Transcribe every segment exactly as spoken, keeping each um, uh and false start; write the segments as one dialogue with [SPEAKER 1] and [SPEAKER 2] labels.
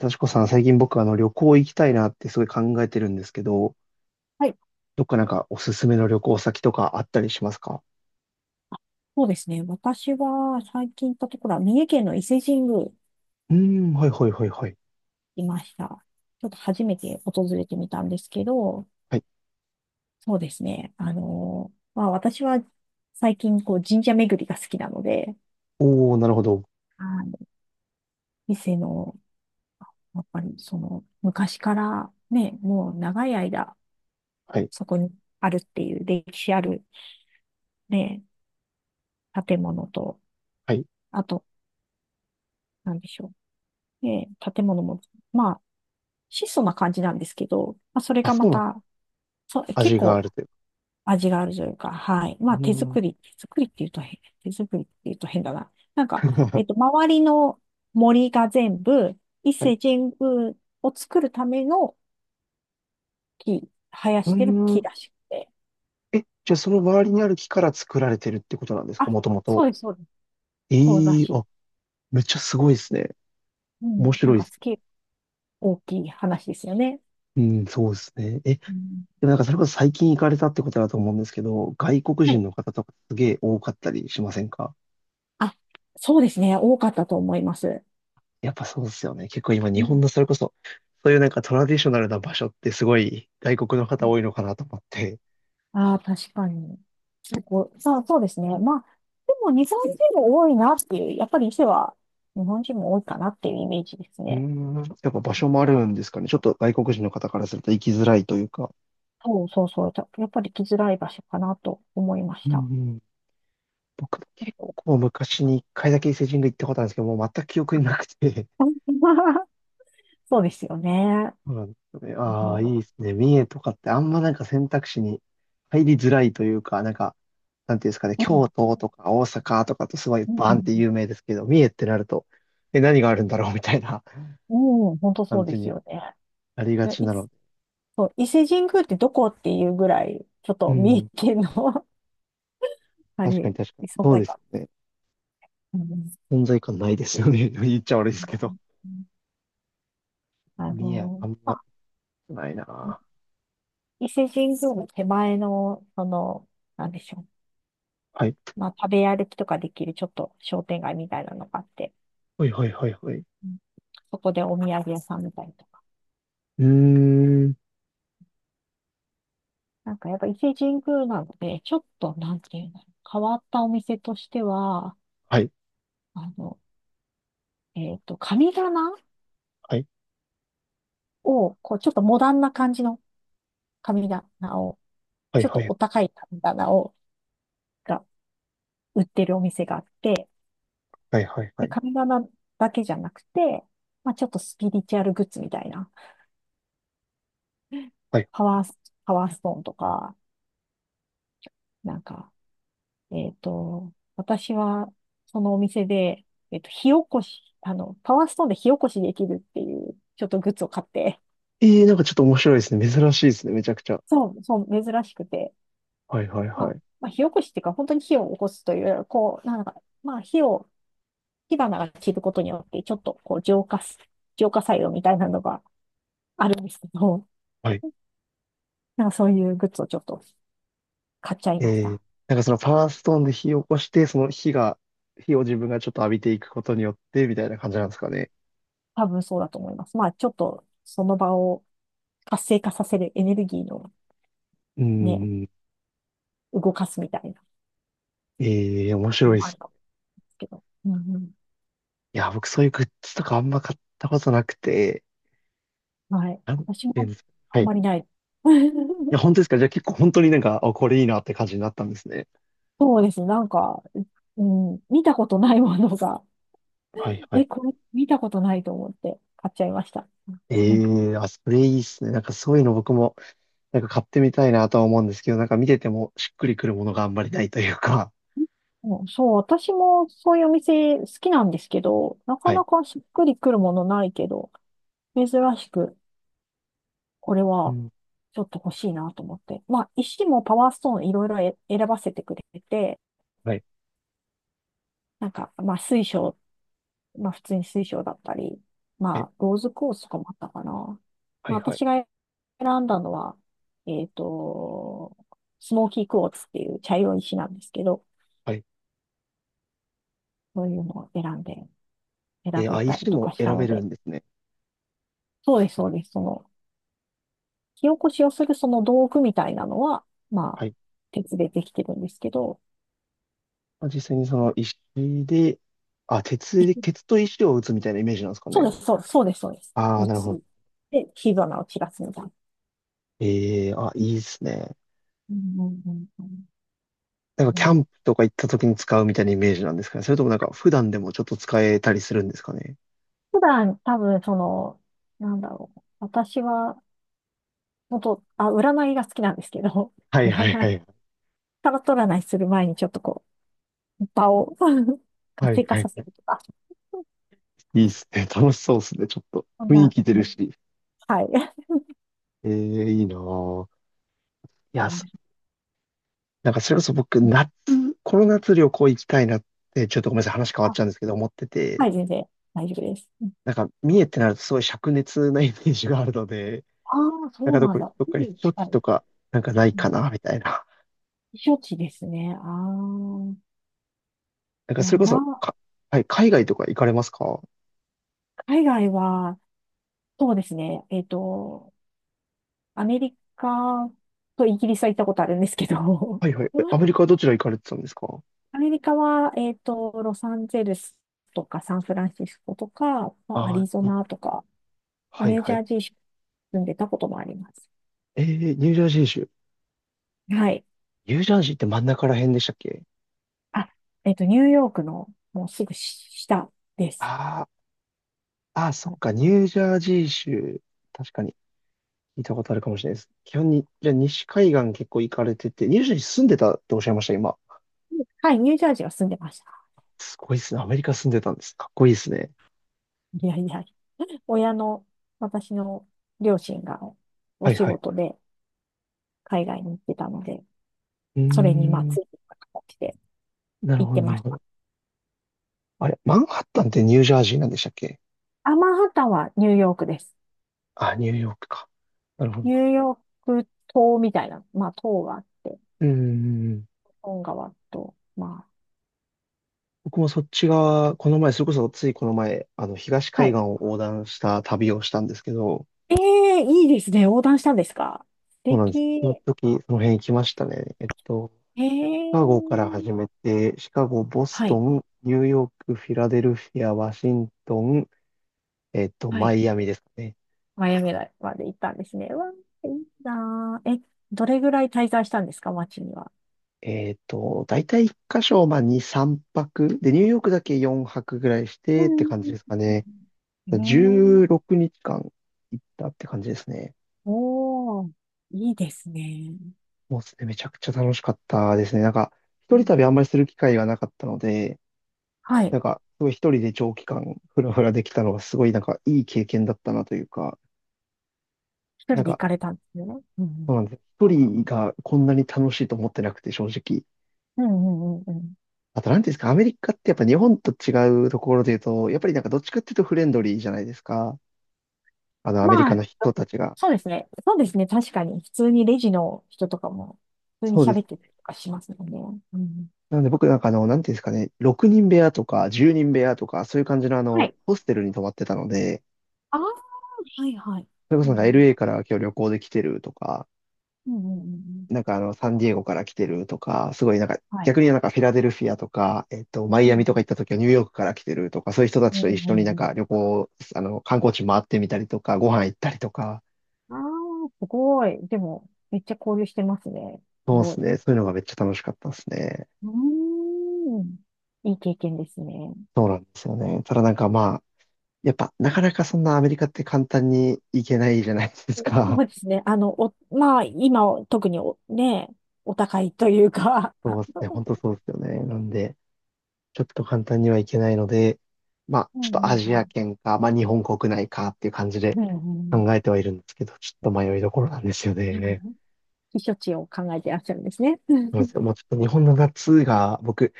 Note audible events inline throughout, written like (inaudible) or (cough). [SPEAKER 1] 幸子さん、最近僕、あの、旅行行きたいなってすごい考えてるんですけど、
[SPEAKER 2] はい、
[SPEAKER 1] どっかなんかおすすめの旅行先とかあったりしますか？
[SPEAKER 2] そうですね。私は最近行ったところは、三重県の伊勢神宮
[SPEAKER 1] うーん、はいはいはいはい。
[SPEAKER 2] いました。ちょっと初めて訪れてみたんですけど、
[SPEAKER 1] はい。
[SPEAKER 2] そうですね。あのーまあ私は最近こう神社巡りが好きなので、
[SPEAKER 1] おー、なるほど。
[SPEAKER 2] はい、伊勢の、やっぱりその昔からね、もう長い間
[SPEAKER 1] はい。
[SPEAKER 2] そこにあるっていう歴史あるね、建物と、
[SPEAKER 1] はい。
[SPEAKER 2] あと、なんでしょう。ね、建物も、まあ質素な感じなんですけど、まあ、それ
[SPEAKER 1] あ、
[SPEAKER 2] が
[SPEAKER 1] そ
[SPEAKER 2] ま
[SPEAKER 1] うなの。
[SPEAKER 2] た、そう、結
[SPEAKER 1] 味があ
[SPEAKER 2] 構
[SPEAKER 1] るという。
[SPEAKER 2] 味があるというか、はい。
[SPEAKER 1] う
[SPEAKER 2] まあ、
[SPEAKER 1] ー
[SPEAKER 2] 手
[SPEAKER 1] ん。
[SPEAKER 2] 作り、手作りって言うと変、手作りって言うと変だな。なんか、えっ
[SPEAKER 1] (laughs)
[SPEAKER 2] と、周りの森が全部、伊
[SPEAKER 1] はい。
[SPEAKER 2] 勢神宮を作るための木、生や
[SPEAKER 1] うー
[SPEAKER 2] してる木
[SPEAKER 1] ん。
[SPEAKER 2] らしくて。
[SPEAKER 1] え、じゃあその周りにある木から作られてるってことなんですか、
[SPEAKER 2] あ、
[SPEAKER 1] もとも
[SPEAKER 2] そ
[SPEAKER 1] と？
[SPEAKER 2] うです、そうです。そうら
[SPEAKER 1] ええ
[SPEAKER 2] し
[SPEAKER 1] ー、
[SPEAKER 2] い。
[SPEAKER 1] あ、めっちゃすごいですね。
[SPEAKER 2] うん。
[SPEAKER 1] 面
[SPEAKER 2] なん
[SPEAKER 1] 白い
[SPEAKER 2] か、
[SPEAKER 1] です。
[SPEAKER 2] すき大きい話ですよね。
[SPEAKER 1] うん、そうですね。え、で
[SPEAKER 2] うん、
[SPEAKER 1] もなんかそれこそ最近行かれたってことだと思うんですけど、外国
[SPEAKER 2] は
[SPEAKER 1] 人
[SPEAKER 2] い。
[SPEAKER 1] の方とかすげえ多かったりしませんか？
[SPEAKER 2] あ、そうですね。多かったと思います。
[SPEAKER 1] やっぱそうですよね。結構今
[SPEAKER 2] う
[SPEAKER 1] 日
[SPEAKER 2] ん。
[SPEAKER 1] 本のそれこそ、そういうなんかトラディショナルな場所ってすごい外国の方多いのかなと思って。
[SPEAKER 2] ああ、確かに。結構、さあ、そうですね。まあ、でも日本人も多いなっていう、やっぱり伊勢は日本人も多いかなっていうイメージです
[SPEAKER 1] うー
[SPEAKER 2] ね。
[SPEAKER 1] ん、やっぱ場所もあるんですかね。ちょっと外国人の方からすると行きづらいというか。
[SPEAKER 2] そうそうそう。たやっぱり来づらい場所かなと思いま
[SPEAKER 1] う
[SPEAKER 2] し
[SPEAKER 1] ん
[SPEAKER 2] た。
[SPEAKER 1] うん。僕結構昔に一回だけ伊勢神宮行ったことあるんですけど、もう全く記憶になくて。
[SPEAKER 2] (laughs) そうですよね。
[SPEAKER 1] そうなんですよね。
[SPEAKER 2] あ
[SPEAKER 1] ああ、いい
[SPEAKER 2] の、
[SPEAKER 1] ですね。三重とかってあんまなんか選択肢に入りづらいというか、なんか、なんていうんですかね、
[SPEAKER 2] う
[SPEAKER 1] 京
[SPEAKER 2] ん、
[SPEAKER 1] 都とか大阪とかとすごい
[SPEAKER 2] う
[SPEAKER 1] バーン
[SPEAKER 2] ん、
[SPEAKER 1] って有名ですけど、三重ってなると、え、何があるんだろうみたいな。
[SPEAKER 2] うん本当そ
[SPEAKER 1] 感
[SPEAKER 2] うで
[SPEAKER 1] じ
[SPEAKER 2] す
[SPEAKER 1] に
[SPEAKER 2] よね。
[SPEAKER 1] なりがち
[SPEAKER 2] でい
[SPEAKER 1] なので。
[SPEAKER 2] そう、伊勢神宮ってどこっていうぐらい、ちょっ
[SPEAKER 1] う
[SPEAKER 2] と三重
[SPEAKER 1] ん。
[SPEAKER 2] 県の (laughs) あ
[SPEAKER 1] 確かに
[SPEAKER 2] れ、
[SPEAKER 1] 確かに。
[SPEAKER 2] 存
[SPEAKER 1] そう
[SPEAKER 2] 在
[SPEAKER 1] です
[SPEAKER 2] 感。
[SPEAKER 1] よね。
[SPEAKER 2] うん
[SPEAKER 1] 存在感ないですよね。(laughs) 言っちゃ悪いですけど。
[SPEAKER 2] あ
[SPEAKER 1] 見や
[SPEAKER 2] の、
[SPEAKER 1] あん
[SPEAKER 2] ま
[SPEAKER 1] ま、
[SPEAKER 2] あ
[SPEAKER 1] ないな。
[SPEAKER 2] 伊勢神宮の手前の、その、なんでしょう。
[SPEAKER 1] はい。
[SPEAKER 2] まあ、食べ歩きとかできるちょっと商店街みたいなのがあって、
[SPEAKER 1] はいはいはいはい。
[SPEAKER 2] うんそこでお土産屋さんみたいとか。
[SPEAKER 1] うーん。
[SPEAKER 2] なんかやっぱ伊勢神宮なのでね、ちょっと、なんていうの、変わったお店としては、
[SPEAKER 1] はい。
[SPEAKER 2] あの、えっと、神棚
[SPEAKER 1] はい。
[SPEAKER 2] を、こう、ちょっとモダンな感じの神棚を、
[SPEAKER 1] はい
[SPEAKER 2] ちょっ
[SPEAKER 1] は
[SPEAKER 2] と
[SPEAKER 1] い。
[SPEAKER 2] お高い神棚を、が売ってるお店があって、
[SPEAKER 1] はいはいは
[SPEAKER 2] で、
[SPEAKER 1] い。
[SPEAKER 2] 神棚だけじゃなくて、まあ、ちょっとスピリチュアルグッズみたいな。
[SPEAKER 1] はい。
[SPEAKER 2] パワース、パワーストーンとか、なんか、えっと、私は、そのお店で、えっと、火起こし、あの、パワーストーンで火起こしできるっていう、ちょっとグッズを買って、
[SPEAKER 1] えー、なんかちょっと面白いですね。珍しいですね。めちゃくちゃ。
[SPEAKER 2] そう、そう、珍しくて、
[SPEAKER 1] はいはい
[SPEAKER 2] ま
[SPEAKER 1] は
[SPEAKER 2] あ、
[SPEAKER 1] い。
[SPEAKER 2] まあ、火起こしっていうか、本当に火を起こすというよりは、こう、なんか、まあ、火を、火花が散ることによって、ちょっと、こう、浄化す、浄化作用みたいなのがあるんですけど、
[SPEAKER 1] はい。
[SPEAKER 2] なんかそういうグッズをちょっと買っちゃいまし
[SPEAKER 1] えー、
[SPEAKER 2] た。
[SPEAKER 1] なんかそのパワーストーンで火を起こして、その火が、火を自分がちょっと浴びていくことによって、みたいな感じなんですかね？
[SPEAKER 2] 多分そうだと思います。まあ、ちょっとその場を活性化させるエネルギーの
[SPEAKER 1] うー
[SPEAKER 2] ね、
[SPEAKER 1] ん。
[SPEAKER 2] 動かすみたいな
[SPEAKER 1] えー、面
[SPEAKER 2] の
[SPEAKER 1] 白いで
[SPEAKER 2] もある
[SPEAKER 1] す。
[SPEAKER 2] かもですけど。うんうん。
[SPEAKER 1] いや、僕そういうグッズとかあんま買ったことなくて、
[SPEAKER 2] はい。
[SPEAKER 1] なん
[SPEAKER 2] 私も
[SPEAKER 1] ていうんですか。は
[SPEAKER 2] あ
[SPEAKER 1] い。
[SPEAKER 2] ん
[SPEAKER 1] い
[SPEAKER 2] まりない。
[SPEAKER 1] や、
[SPEAKER 2] (laughs)
[SPEAKER 1] 本当ですか？じゃあ結構本当になんか、あ、これいいなって感じになったんですね。
[SPEAKER 2] そうですね。なんか、うん、見たことないものが、
[SPEAKER 1] はい
[SPEAKER 2] (laughs)
[SPEAKER 1] はい。
[SPEAKER 2] え、これ見たことないと思って買っちゃいました。
[SPEAKER 1] え
[SPEAKER 2] うん、
[SPEAKER 1] え、あ、それいいっすね。なんかそういうの僕も、なんか買ってみたいなとは思うんですけど、なんか見ててもしっくりくるものがあんまりないというか。
[SPEAKER 2] うんそう、私もそういうお店好きなんですけど、なか
[SPEAKER 1] はい。
[SPEAKER 2] なかしっくりくるものないけど、珍しく。これ
[SPEAKER 1] う
[SPEAKER 2] は、
[SPEAKER 1] ん。
[SPEAKER 2] ちょっと欲しいなと思って。まあ、石もパワーストーンいろいろえ選ばせてくれて、
[SPEAKER 1] はい。
[SPEAKER 2] なんか、まあ、水晶、まあ、普通に水晶だったり、
[SPEAKER 1] は
[SPEAKER 2] ま
[SPEAKER 1] い。
[SPEAKER 2] あ、ローズコースとかもあったかな。
[SPEAKER 1] は
[SPEAKER 2] ま
[SPEAKER 1] い。
[SPEAKER 2] あ、
[SPEAKER 1] はい。
[SPEAKER 2] 私が選んだのは、えっと、スモーキークォーツっていう茶色い石なんですけど、
[SPEAKER 1] はい。
[SPEAKER 2] そういうのを選んで、選
[SPEAKER 1] えー、
[SPEAKER 2] べ
[SPEAKER 1] あ、
[SPEAKER 2] たり
[SPEAKER 1] 石
[SPEAKER 2] と
[SPEAKER 1] も
[SPEAKER 2] かした
[SPEAKER 1] 選べ
[SPEAKER 2] の
[SPEAKER 1] る
[SPEAKER 2] で、
[SPEAKER 1] んですね。
[SPEAKER 2] そうです、そうです。その、火起こしをするその道具みたいなのは、ま
[SPEAKER 1] は
[SPEAKER 2] あ、
[SPEAKER 1] い。
[SPEAKER 2] 鉄でできてるんですけど、
[SPEAKER 1] まあ、実際にその石で、あ、鉄で、鉄と石を打つみたいなイメージなんですか
[SPEAKER 2] そう
[SPEAKER 1] ね？
[SPEAKER 2] です、そうです、そうです、そうです。
[SPEAKER 1] ああ、
[SPEAKER 2] 打
[SPEAKER 1] なるほど。
[SPEAKER 2] つ。で、火花を散らすみたいな。
[SPEAKER 1] ええ、あ、いいっすね。
[SPEAKER 2] うんうんうん
[SPEAKER 1] なんか
[SPEAKER 2] う
[SPEAKER 1] キ
[SPEAKER 2] ん。
[SPEAKER 1] ャ
[SPEAKER 2] ね
[SPEAKER 1] ンプとか行った時に使うみたいなイメージなんですかね？それともなんか普段でもちょっと使えたりするんですかね？
[SPEAKER 2] 普段、多分、その、なんだろう。私は、本当、あ、占いが好きなんですけど、
[SPEAKER 1] は
[SPEAKER 2] (laughs)
[SPEAKER 1] いはい
[SPEAKER 2] 占
[SPEAKER 1] は
[SPEAKER 2] い、
[SPEAKER 1] い。
[SPEAKER 2] タロット占いする前にちょっとこう、場を (laughs)
[SPEAKER 1] は
[SPEAKER 2] 活
[SPEAKER 1] い
[SPEAKER 2] 性化
[SPEAKER 1] はい
[SPEAKER 2] させ
[SPEAKER 1] はい。
[SPEAKER 2] るとか、
[SPEAKER 1] いいっすね。楽しそうっすね。ちょっと
[SPEAKER 2] そん
[SPEAKER 1] 雰囲
[SPEAKER 2] な、
[SPEAKER 1] 気出るし。
[SPEAKER 2] はい。
[SPEAKER 1] ええいいなぁ。いや、
[SPEAKER 2] は
[SPEAKER 1] そ
[SPEAKER 2] い。
[SPEAKER 1] なんかそれこそ僕、夏、この夏旅行行きたいなって、ちょっとごめんなさい、話変わっ
[SPEAKER 2] あ、
[SPEAKER 1] ちゃうんですけど、思って
[SPEAKER 2] は
[SPEAKER 1] て、
[SPEAKER 2] い、全然大丈夫です。
[SPEAKER 1] なんか三重ってなるとすごい灼熱なイメージがあるので、
[SPEAKER 2] ああー、そ
[SPEAKER 1] なん
[SPEAKER 2] う
[SPEAKER 1] かど
[SPEAKER 2] なん
[SPEAKER 1] こ、
[SPEAKER 2] だ。
[SPEAKER 1] どっか
[SPEAKER 2] 海
[SPEAKER 1] 避
[SPEAKER 2] に
[SPEAKER 1] 暑
[SPEAKER 2] 近
[SPEAKER 1] 地
[SPEAKER 2] い。
[SPEAKER 1] とか、なんかない
[SPEAKER 2] うん
[SPEAKER 1] かな、みたいな。
[SPEAKER 2] 避暑地ですね。ああ。
[SPEAKER 1] なん
[SPEAKER 2] い
[SPEAKER 1] かそ
[SPEAKER 2] や、
[SPEAKER 1] れこそ、
[SPEAKER 2] な、
[SPEAKER 1] か、はい、海外とか行かれますか？
[SPEAKER 2] 海外は、そうですね。えっと、アメリカとイギリスは行ったことあるんですけど、
[SPEAKER 1] はいはい。えアメ
[SPEAKER 2] (laughs)
[SPEAKER 1] リカはどちら行かれてたんですか？
[SPEAKER 2] アメリカは、えっと、ロサンゼルスとかサンフランシスコとか、まあア
[SPEAKER 1] ああ
[SPEAKER 2] リゾ
[SPEAKER 1] ー、うん、
[SPEAKER 2] ナとか、
[SPEAKER 1] は
[SPEAKER 2] ニ
[SPEAKER 1] い
[SPEAKER 2] ュー
[SPEAKER 1] は
[SPEAKER 2] ジャ
[SPEAKER 1] い。
[SPEAKER 2] ージー州に住んでたこともあります。
[SPEAKER 1] えー、ニュージャージー州。
[SPEAKER 2] はい。
[SPEAKER 1] ニュージャージーって真ん中ら辺でしたっけ？
[SPEAKER 2] あ、えっと、ニューヨークのもうすぐ下です。
[SPEAKER 1] ああ、ああ、そ
[SPEAKER 2] は
[SPEAKER 1] っ
[SPEAKER 2] い、
[SPEAKER 1] か、ニュージャージー州。確かに、聞いたことあるかもしれないです。基本に、じゃあ西海岸結構行かれてて、ニュージャージー住んでたっておっしゃいました、今。
[SPEAKER 2] はいニュージャージーは住んでました。
[SPEAKER 1] すごいですね。アメリカ住んでたんです。かっこいいですね。
[SPEAKER 2] いやいや、親の、私の両親がお
[SPEAKER 1] はい
[SPEAKER 2] 仕
[SPEAKER 1] はい。
[SPEAKER 2] 事で海外に行ってたので、
[SPEAKER 1] うー
[SPEAKER 2] それにまあつ
[SPEAKER 1] ん、
[SPEAKER 2] いていく形で。
[SPEAKER 1] なる
[SPEAKER 2] 行っ
[SPEAKER 1] ほど、
[SPEAKER 2] て
[SPEAKER 1] な
[SPEAKER 2] ま
[SPEAKER 1] る
[SPEAKER 2] し
[SPEAKER 1] ほ
[SPEAKER 2] た。
[SPEAKER 1] ど。あれ、マンハッタンってニュージャージーなんでしたっけ？
[SPEAKER 2] アマンハッタンはニューヨークです。
[SPEAKER 1] あ、ニューヨークか。なるほど。
[SPEAKER 2] ニューヨーク島みたいな、まあ島があって、
[SPEAKER 1] うーん。
[SPEAKER 2] 本川と、ま
[SPEAKER 1] 僕もそっち側、この前、それこそついこの前、あの、東
[SPEAKER 2] あ、
[SPEAKER 1] 海
[SPEAKER 2] は
[SPEAKER 1] 岸
[SPEAKER 2] い。
[SPEAKER 1] を横断した旅をしたんですけど、
[SPEAKER 2] ええいいですね。横断したんですか？素
[SPEAKER 1] そうなんです。その
[SPEAKER 2] 敵。
[SPEAKER 1] 時、その辺行きましたね。えっと、
[SPEAKER 2] え
[SPEAKER 1] シカゴから始
[SPEAKER 2] え
[SPEAKER 1] めて、シカゴ、ボス
[SPEAKER 2] は
[SPEAKER 1] ト
[SPEAKER 2] い、
[SPEAKER 1] ン、ニューヨーク、フィラデルフィア、ワシントン、えっと、
[SPEAKER 2] は
[SPEAKER 1] マ
[SPEAKER 2] い。
[SPEAKER 1] イアミですかね。
[SPEAKER 2] マイアミまで行ったんですね。わあ、いいなあ。え、どれぐらい滞在したんですか街には。
[SPEAKER 1] えっと、大体いっかしょ箇所、まあ、に、さんぱく。で、ニューヨークだけよんはくぐらいし
[SPEAKER 2] う
[SPEAKER 1] てって
[SPEAKER 2] ん
[SPEAKER 1] 感じですかね。
[SPEAKER 2] え
[SPEAKER 1] 16
[SPEAKER 2] え
[SPEAKER 1] 日間行ったって感じですね。
[SPEAKER 2] おー、いいですね。
[SPEAKER 1] もうですね、めちゃくちゃ楽しかったですね。なんか、
[SPEAKER 2] う
[SPEAKER 1] 一人
[SPEAKER 2] ん
[SPEAKER 1] 旅あんまりする機会がなかったので、
[SPEAKER 2] はい。
[SPEAKER 1] なんか、すごい一人で長期間ふらふらできたのがすごいなんかいい経験だったなというか、
[SPEAKER 2] 一
[SPEAKER 1] な
[SPEAKER 2] 人
[SPEAKER 1] ん
[SPEAKER 2] で行
[SPEAKER 1] か、
[SPEAKER 2] かれたんですよね。うんう
[SPEAKER 1] そうな
[SPEAKER 2] ん
[SPEAKER 1] んです。一人がこんなに楽しいと思ってなくて正直。
[SPEAKER 2] うんうんうんうん。
[SPEAKER 1] あと、なんていうんですか、アメリカってやっぱ日本と違うところで言うと、やっぱりなんかどっちかっていうとフレンドリーじゃないですか。あの、アメリカ
[SPEAKER 2] まあ、
[SPEAKER 1] の人たちが。
[SPEAKER 2] そうですね。そうですね。確かに。普通にレジの人とかも、普通に
[SPEAKER 1] そうです。
[SPEAKER 2] 喋ってたりとかしますもんね。うん。
[SPEAKER 1] なので僕なんかあの、なんていうんですかね、ろくにん部屋とかじゅうにん部屋とか、そういう感じのあ
[SPEAKER 2] は
[SPEAKER 1] の、
[SPEAKER 2] い。
[SPEAKER 1] ホステルに泊まってたので、
[SPEAKER 2] ああ、はいはい。
[SPEAKER 1] それこそ
[SPEAKER 2] う
[SPEAKER 1] なんか
[SPEAKER 2] ん。
[SPEAKER 1] エルエー から今日旅行で来てるとか、
[SPEAKER 2] うんうんうんうん。
[SPEAKER 1] なんかあのサンディエゴから来てるとか、すごいなんか
[SPEAKER 2] はい。
[SPEAKER 1] 逆になんかフィラデルフィアとか、えっと、マ
[SPEAKER 2] う
[SPEAKER 1] イアミとか行
[SPEAKER 2] ん。
[SPEAKER 1] った時はニューヨークから来てるとか、そういう人た
[SPEAKER 2] う
[SPEAKER 1] ちと
[SPEAKER 2] ん
[SPEAKER 1] 一
[SPEAKER 2] う
[SPEAKER 1] 緒に
[SPEAKER 2] ん
[SPEAKER 1] なん
[SPEAKER 2] う
[SPEAKER 1] か
[SPEAKER 2] ん。
[SPEAKER 1] 旅行、あの、観光地回ってみたりとか、ご飯行ったりとか、
[SPEAKER 2] ああ、すごい。でも、めっちゃ交流してますね。す
[SPEAKER 1] そうで
[SPEAKER 2] ご
[SPEAKER 1] す
[SPEAKER 2] い。う
[SPEAKER 1] ね。そういうのがめっちゃ楽しかったですね。
[SPEAKER 2] ーん。いい経験ですね。
[SPEAKER 1] そうなんですよね。ただなんかまあ、やっぱなかなかそんなアメリカって簡単に行けないじゃないで
[SPEAKER 2] え
[SPEAKER 1] すか。
[SPEAKER 2] そうですね。あの、お、まあ、今、特にお、ね、お高いというか。
[SPEAKER 1] そ
[SPEAKER 2] (laughs)
[SPEAKER 1] うですね。本当そうですよね。なんで、ちょっと簡単にはいけないので、まあ、
[SPEAKER 2] う
[SPEAKER 1] ちょっと
[SPEAKER 2] ん
[SPEAKER 1] ア
[SPEAKER 2] う
[SPEAKER 1] ジア
[SPEAKER 2] ん
[SPEAKER 1] 圏か、まあ、日本国内かっていう感じで
[SPEAKER 2] うん。うんうんう
[SPEAKER 1] 考
[SPEAKER 2] ん
[SPEAKER 1] えてはいるんですけど、ちょっと迷いどころなんですよね。
[SPEAKER 2] 避暑地を考えていらっしゃるんですね。う
[SPEAKER 1] そうなんで
[SPEAKER 2] ん
[SPEAKER 1] すよ。もうちょっと日本の夏が、僕、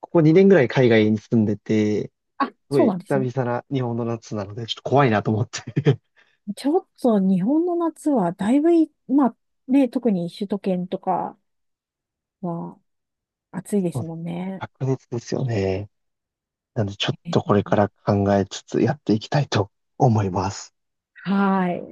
[SPEAKER 1] ここにねんぐらい海外に住んでて、す
[SPEAKER 2] あ、
[SPEAKER 1] ご
[SPEAKER 2] そう
[SPEAKER 1] い
[SPEAKER 2] なんで
[SPEAKER 1] 久
[SPEAKER 2] すね。
[SPEAKER 1] 々な日本の夏なので、ちょっと怖いなと思って。(laughs)
[SPEAKER 2] ちょっと日本の夏はだいぶい、まあね、特に首都圏とかは暑いで
[SPEAKER 1] そう
[SPEAKER 2] す
[SPEAKER 1] で
[SPEAKER 2] も
[SPEAKER 1] す。
[SPEAKER 2] んね。
[SPEAKER 1] 白熱ですよね。なので、ちょっとこれから考えつつやっていきたいと思います。
[SPEAKER 2] はい。